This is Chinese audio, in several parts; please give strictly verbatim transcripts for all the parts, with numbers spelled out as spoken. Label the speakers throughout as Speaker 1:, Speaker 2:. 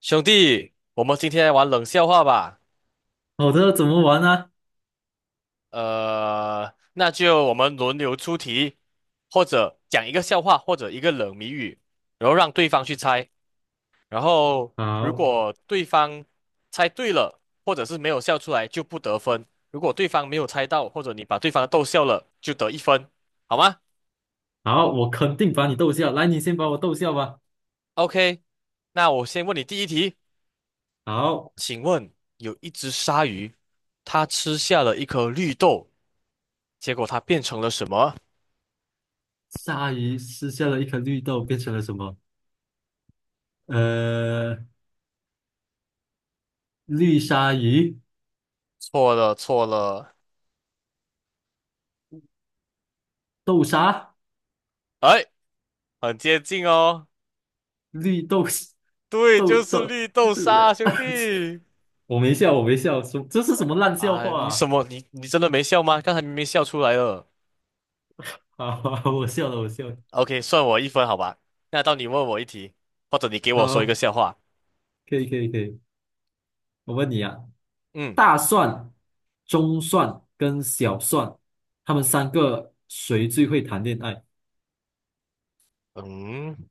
Speaker 1: 兄弟，我们今天来玩冷笑话吧。
Speaker 2: 好的，怎么玩呢、
Speaker 1: 呃，那就我们轮流出题，或者讲一个笑话，或者一个冷谜语，然后让对方去猜。然后如
Speaker 2: 好，
Speaker 1: 果对方猜对了，或者是没有笑出来，就不得分；如果对方没有猜到，或者你把对方逗笑了，就得一分，好吗
Speaker 2: 好，我肯定把你逗笑。来，你先把我逗笑吧。
Speaker 1: ？OK，那我先问你第一题，
Speaker 2: 好，
Speaker 1: 请问有一只鲨鱼，它吃下了一颗绿豆，结果它变成了什么？
Speaker 2: 鲨鱼吃下了一颗绿豆，变成了什么？呃，绿鲨鱼，
Speaker 1: 错了错了，
Speaker 2: 豆沙，
Speaker 1: 哎，很接近哦。
Speaker 2: 绿豆，
Speaker 1: 对，
Speaker 2: 豆
Speaker 1: 就是
Speaker 2: 豆。
Speaker 1: 绿豆沙，兄弟。
Speaker 2: 我没笑，我没笑，什这是什么烂笑
Speaker 1: 啊，
Speaker 2: 话
Speaker 1: 你什
Speaker 2: 啊？
Speaker 1: 么？你你真的没笑吗？刚才明明笑出来了。
Speaker 2: 好，我笑了，我笑了。
Speaker 1: OK，算我一分，好吧？那到你问我一题，或者你给我说一个
Speaker 2: 好，
Speaker 1: 笑话。
Speaker 2: 可以，可以，可以。我问你啊，
Speaker 1: 嗯
Speaker 2: 大蒜、中蒜跟小蒜，他们三个谁最会谈恋爱？
Speaker 1: 嗯，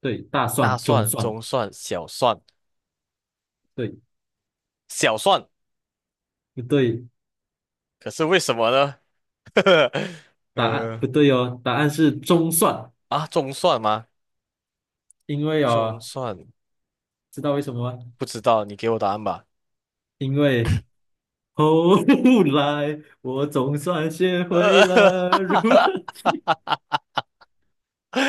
Speaker 2: 对，大
Speaker 1: 大
Speaker 2: 蒜、中
Speaker 1: 蒜、
Speaker 2: 蒜，
Speaker 1: 中蒜、小蒜、
Speaker 2: 对，
Speaker 1: 小蒜，
Speaker 2: 不对？
Speaker 1: 可是为什么呢？
Speaker 2: 答案不
Speaker 1: 呃，
Speaker 2: 对哦，答案是中蒜，
Speaker 1: 啊，中蒜吗？
Speaker 2: 因为
Speaker 1: 中
Speaker 2: 哦，
Speaker 1: 蒜，
Speaker 2: 知道为什么吗？
Speaker 1: 不知道，你给我答案吧。
Speaker 2: 因为后 来我总算学会
Speaker 1: 呃，
Speaker 2: 了如何去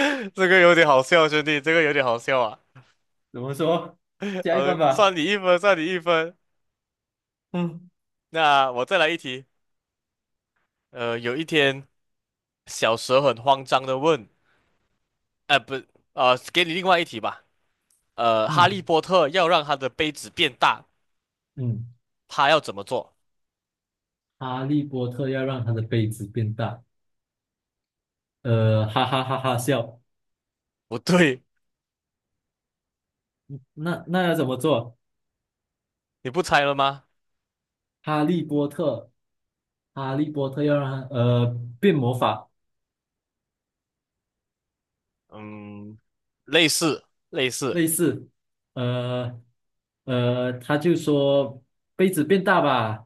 Speaker 1: 这个有点好笑，兄弟，这个有点好笑啊。
Speaker 2: 怎么说，
Speaker 1: 好
Speaker 2: 下一半
Speaker 1: 算
Speaker 2: 吧。
Speaker 1: 你一分，算你一分。
Speaker 2: 嗯
Speaker 1: 那我再来一题。呃，有一天，小蛇很慌张的问，呃，不，呃，给你另外一题吧。呃，哈利
Speaker 2: 嗯
Speaker 1: 波特要让他的杯子变大，
Speaker 2: 嗯，
Speaker 1: 他要怎么做？
Speaker 2: 哈利波特要让他的杯子变大，呃，哈哈哈哈笑。
Speaker 1: 不对，
Speaker 2: 那那要怎么做？
Speaker 1: 你不猜了吗？
Speaker 2: 哈利波特，哈利波特要让他呃变魔法。
Speaker 1: 嗯，类似，类似，
Speaker 2: 类似，呃呃，他就说杯子变大吧，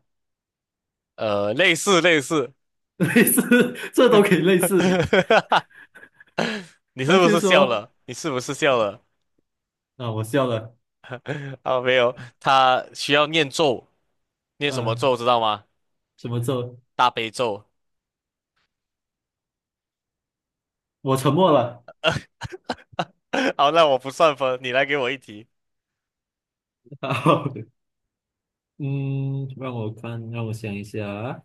Speaker 1: 呃，类似，类似。
Speaker 2: 类似，这都可以类似。
Speaker 1: 你是
Speaker 2: 他
Speaker 1: 不
Speaker 2: 就
Speaker 1: 是笑
Speaker 2: 说
Speaker 1: 了？你是不是笑了？
Speaker 2: 啊，我笑了，
Speaker 1: 啊，没有，他需要念咒，念什么
Speaker 2: 嗯、
Speaker 1: 咒知道吗？
Speaker 2: 什么咒？
Speaker 1: 大悲咒。
Speaker 2: 我沉默了。
Speaker 1: 好，那我不算分，你来给我一题。
Speaker 2: 然后，嗯，让我看，让我想一下啊，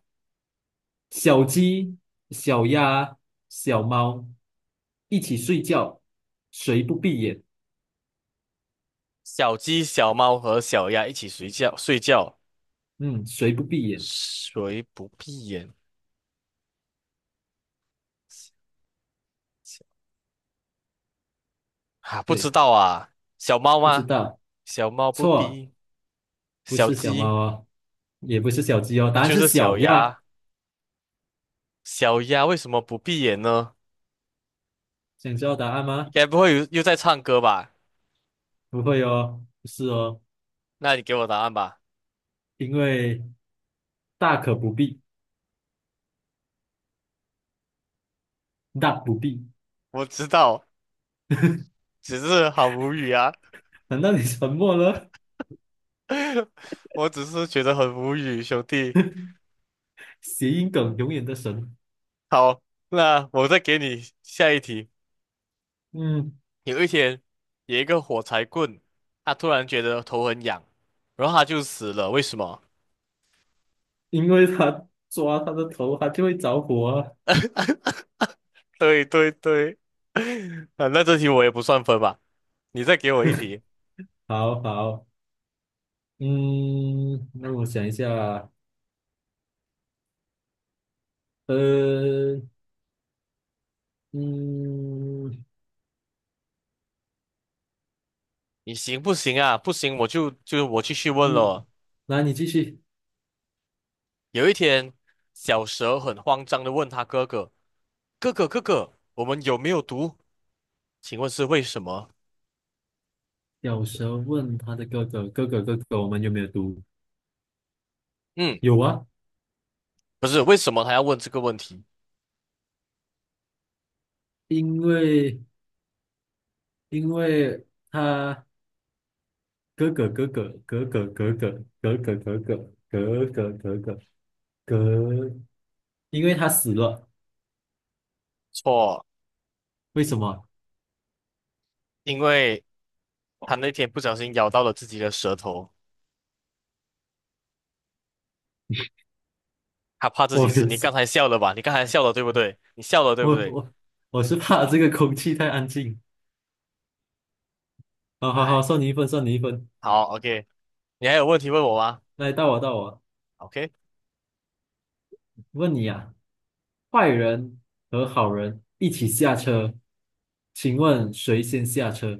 Speaker 2: 小鸡、小鸭、小猫一起睡觉，谁不闭眼？
Speaker 1: 小鸡、小猫和小鸭一起睡觉，睡觉，
Speaker 2: 嗯，谁不闭眼？
Speaker 1: 谁不闭眼？啊，不知
Speaker 2: 对，
Speaker 1: 道啊，小猫
Speaker 2: 不知
Speaker 1: 吗？
Speaker 2: 道，
Speaker 1: 小猫不
Speaker 2: 错，
Speaker 1: 闭，
Speaker 2: 不
Speaker 1: 小
Speaker 2: 是小猫
Speaker 1: 鸡，
Speaker 2: 哦，也不是小鸡哦，
Speaker 1: 那
Speaker 2: 答案
Speaker 1: 就
Speaker 2: 是
Speaker 1: 是
Speaker 2: 小
Speaker 1: 小
Speaker 2: 鸭。
Speaker 1: 鸭。小鸭为什么不闭眼呢？
Speaker 2: 想知道答案吗？
Speaker 1: 该不会又又在唱歌吧？
Speaker 2: 不会哦，不是哦，
Speaker 1: 那你给我答案吧。
Speaker 2: 因为大可不必，大不必。
Speaker 1: 我知道，只是好无语啊，
Speaker 2: 难道你沉默了？
Speaker 1: 我只是觉得很无语，兄弟。
Speaker 2: 谐音梗永远的神。
Speaker 1: 好，那我再给你下一题。
Speaker 2: 嗯，
Speaker 1: 有一天，有一个火柴棍，他突然觉得头很痒，然后他就死了。为什么？
Speaker 2: 因为他抓他的头，他就会着火啊
Speaker 1: 对对对，啊，那这题我也不算分吧？你再给我一题，
Speaker 2: 好好，嗯，那我想一下啊，呃，嗯
Speaker 1: 你行不行啊？不行，我就就我继续问
Speaker 2: 嗯，
Speaker 1: 了。
Speaker 2: 来，你继续。
Speaker 1: 有一天，小蛇很慌张的问他哥哥：“哥哥，哥哥，我们有没有毒？请问是为什么？”
Speaker 2: 小候问他的哥哥：“哥哥，哥哥，我们有没有毒？”
Speaker 1: 嗯，
Speaker 2: 有啊，
Speaker 1: 不是，为什么他要问这个问题？
Speaker 2: 因为因为他。哥哥哥哥哥哥哥哥哥哥哥哥哥哥哥哥哥，因为他死了，
Speaker 1: 错，
Speaker 2: 为什么？
Speaker 1: 因为他那天不小心咬到了自己的舌头。他怕 自
Speaker 2: 我
Speaker 1: 己死。
Speaker 2: 没
Speaker 1: 你刚
Speaker 2: 事，
Speaker 1: 才笑了吧？你刚才笑了对不对？你笑了对不
Speaker 2: 我
Speaker 1: 对？
Speaker 2: 我我是怕这个空气太安静。好好好，
Speaker 1: 哎，
Speaker 2: 算你一分，算你一分。
Speaker 1: 好，OK。你还有问题问我吗
Speaker 2: 来，到我到我，
Speaker 1: ？OK，
Speaker 2: 问你啊，坏人和好人一起下车，请问谁先下车？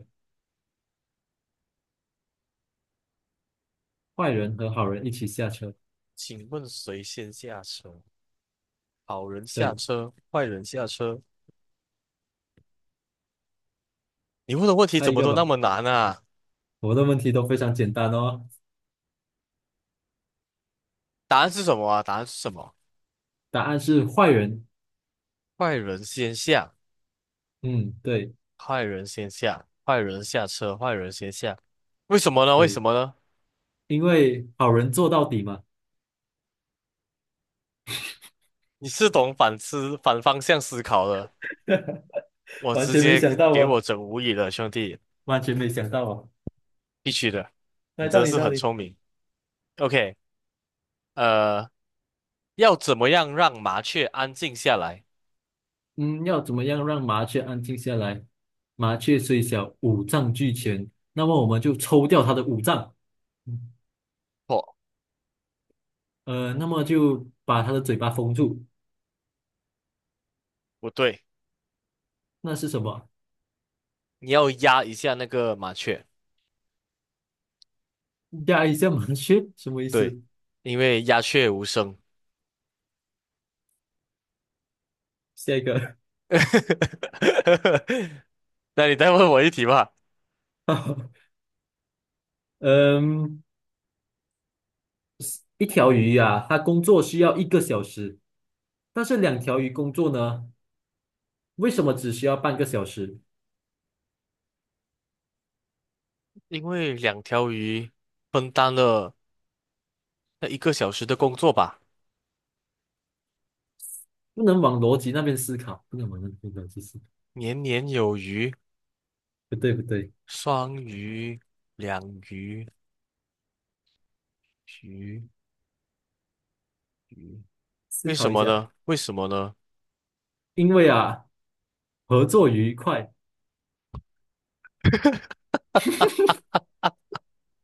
Speaker 2: 坏人和好人一起下车，
Speaker 1: 请问谁先下车？好人下
Speaker 2: 对，
Speaker 1: 车，坏人下车。你问的问题
Speaker 2: 猜
Speaker 1: 怎
Speaker 2: 一
Speaker 1: 么
Speaker 2: 个
Speaker 1: 都那
Speaker 2: 吧。
Speaker 1: 么难啊？
Speaker 2: 我的问题都非常简单哦，
Speaker 1: 答案是什么啊？答案是什么？
Speaker 2: 答案是坏人。
Speaker 1: 坏人先下，
Speaker 2: 嗯，对
Speaker 1: 坏人先下，坏人下车，坏人先下。为什么呢？为什
Speaker 2: 对。
Speaker 1: 么呢？
Speaker 2: 因为好人做到底嘛
Speaker 1: 你是懂反思、反方向思考的，我
Speaker 2: 完
Speaker 1: 直
Speaker 2: 全没
Speaker 1: 接
Speaker 2: 想到
Speaker 1: 给
Speaker 2: 啊！
Speaker 1: 我整无语了，兄弟，
Speaker 2: 完全没想到啊。
Speaker 1: 必须的，你
Speaker 2: 来，到
Speaker 1: 真
Speaker 2: 你，
Speaker 1: 是
Speaker 2: 到
Speaker 1: 很
Speaker 2: 你。
Speaker 1: 聪明。OK。呃，要怎么样让麻雀安静下来？
Speaker 2: 嗯，要怎么样让麻雀安静下来？麻雀虽小，五脏俱全，那么我们就抽掉它的五脏，嗯
Speaker 1: 错，
Speaker 2: 呃，那么就把它的嘴巴封住，
Speaker 1: 不对，
Speaker 2: 那是什么？
Speaker 1: 你要压一下那个麻雀，
Speaker 2: 压一下麻雀，什么意
Speaker 1: 对，
Speaker 2: 思？
Speaker 1: 因为鸦雀无声。
Speaker 2: 下一个，
Speaker 1: 那你再问我一题吧。
Speaker 2: 嗯，一条鱼呀、它工作需要一个小时，但是两条鱼工作呢，为什么只需要半个小时？
Speaker 1: 因为两条鱼分担了那一个小时的工作吧，
Speaker 2: 不能往逻辑那边思考，不能往那边逻辑思考，
Speaker 1: 年年有余，
Speaker 2: 不对不对，
Speaker 1: 双鱼、两鱼、鱼鱼，
Speaker 2: 思
Speaker 1: 为
Speaker 2: 考
Speaker 1: 什
Speaker 2: 一
Speaker 1: 么
Speaker 2: 下，
Speaker 1: 呢？为什么呢？
Speaker 2: 因为啊，合作愉快。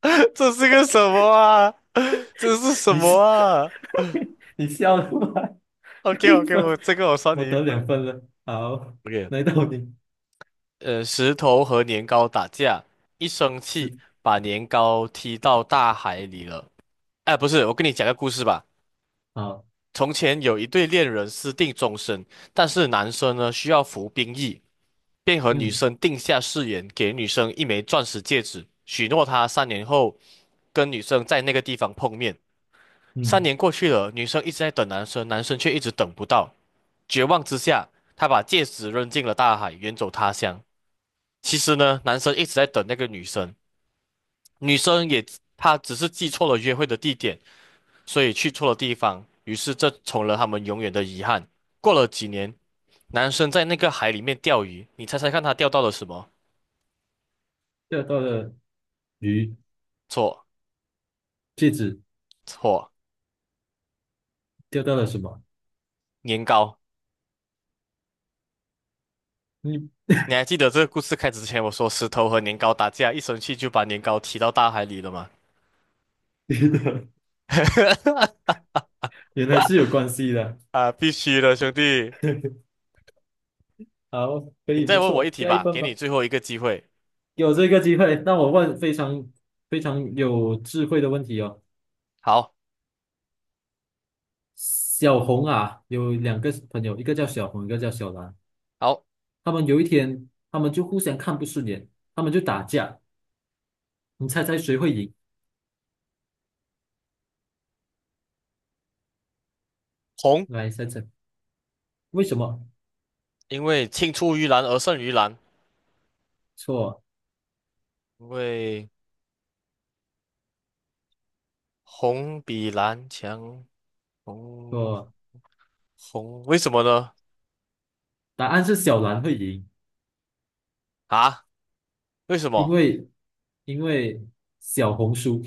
Speaker 1: 这是个什么啊？这是 什
Speaker 2: 你
Speaker 1: 么
Speaker 2: 是
Speaker 1: 啊？
Speaker 2: 你笑出来，
Speaker 1: OK
Speaker 2: 一
Speaker 1: OK，我
Speaker 2: 分，
Speaker 1: 这个我算
Speaker 2: 我
Speaker 1: 你一
Speaker 2: 得两
Speaker 1: 分。
Speaker 2: 分了。好，来
Speaker 1: OK，
Speaker 2: 到你，
Speaker 1: 呃，石头和年糕打架，一生
Speaker 2: 是
Speaker 1: 气把年糕踢到大海里了。哎，不是，我跟你讲个故事吧。
Speaker 2: 好，
Speaker 1: 从前有一对恋人私定终身，但是男生呢需要服兵役，便和女
Speaker 2: 嗯
Speaker 1: 生定下誓言，给女生一枚钻石戒指，许诺她三年后跟女生在那个地方碰面。三
Speaker 2: 嗯，
Speaker 1: 年过去了，女生一直在等男生，男生却一直等不到。绝望之下，他把戒指扔进了大海，远走他乡。其实呢，男生一直在等那个女生，女生也，她只是记错了约会的地点，所以去错了地方，于是这成了他们永远的遗憾。过了几年，男生在那个海里面钓鱼，你猜猜看他钓到了什么？
Speaker 2: 钓到了鱼，
Speaker 1: 错
Speaker 2: 戒指
Speaker 1: 错，
Speaker 2: 钓到了什么？
Speaker 1: 年糕。
Speaker 2: 你
Speaker 1: 你还记得这个故事开始之前我说石头和年糕打架，一生气就把年糕踢到大海里了吗？
Speaker 2: 原来是有关系的。
Speaker 1: 啊，必须的，兄弟。
Speaker 2: 好，可
Speaker 1: 你
Speaker 2: 以，
Speaker 1: 再
Speaker 2: 不
Speaker 1: 问我一
Speaker 2: 错，
Speaker 1: 题
Speaker 2: 加一
Speaker 1: 吧，
Speaker 2: 分
Speaker 1: 给
Speaker 2: 吧。
Speaker 1: 你最后一个机会。
Speaker 2: 有这个机会，那我问非常非常有智慧的问题哦。
Speaker 1: 好，
Speaker 2: 小红啊，有两个朋友，一个叫小红，一个叫小蓝。
Speaker 1: 好，
Speaker 2: 他们有一天，他们就互相看不顺眼，他们就打架。你猜猜谁会赢？
Speaker 1: 红，
Speaker 2: 来猜猜，为什么？
Speaker 1: 因为青出于蓝而胜于蓝，
Speaker 2: 错
Speaker 1: 因为红比蓝强。红
Speaker 2: 错，
Speaker 1: 红，为什么呢？
Speaker 2: 答案是小蓝会赢，
Speaker 1: 啊，为什
Speaker 2: 因
Speaker 1: 么？
Speaker 2: 为因为小红输。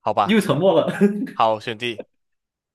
Speaker 1: 好吧，
Speaker 2: 又沉默了。
Speaker 1: 好，选 D。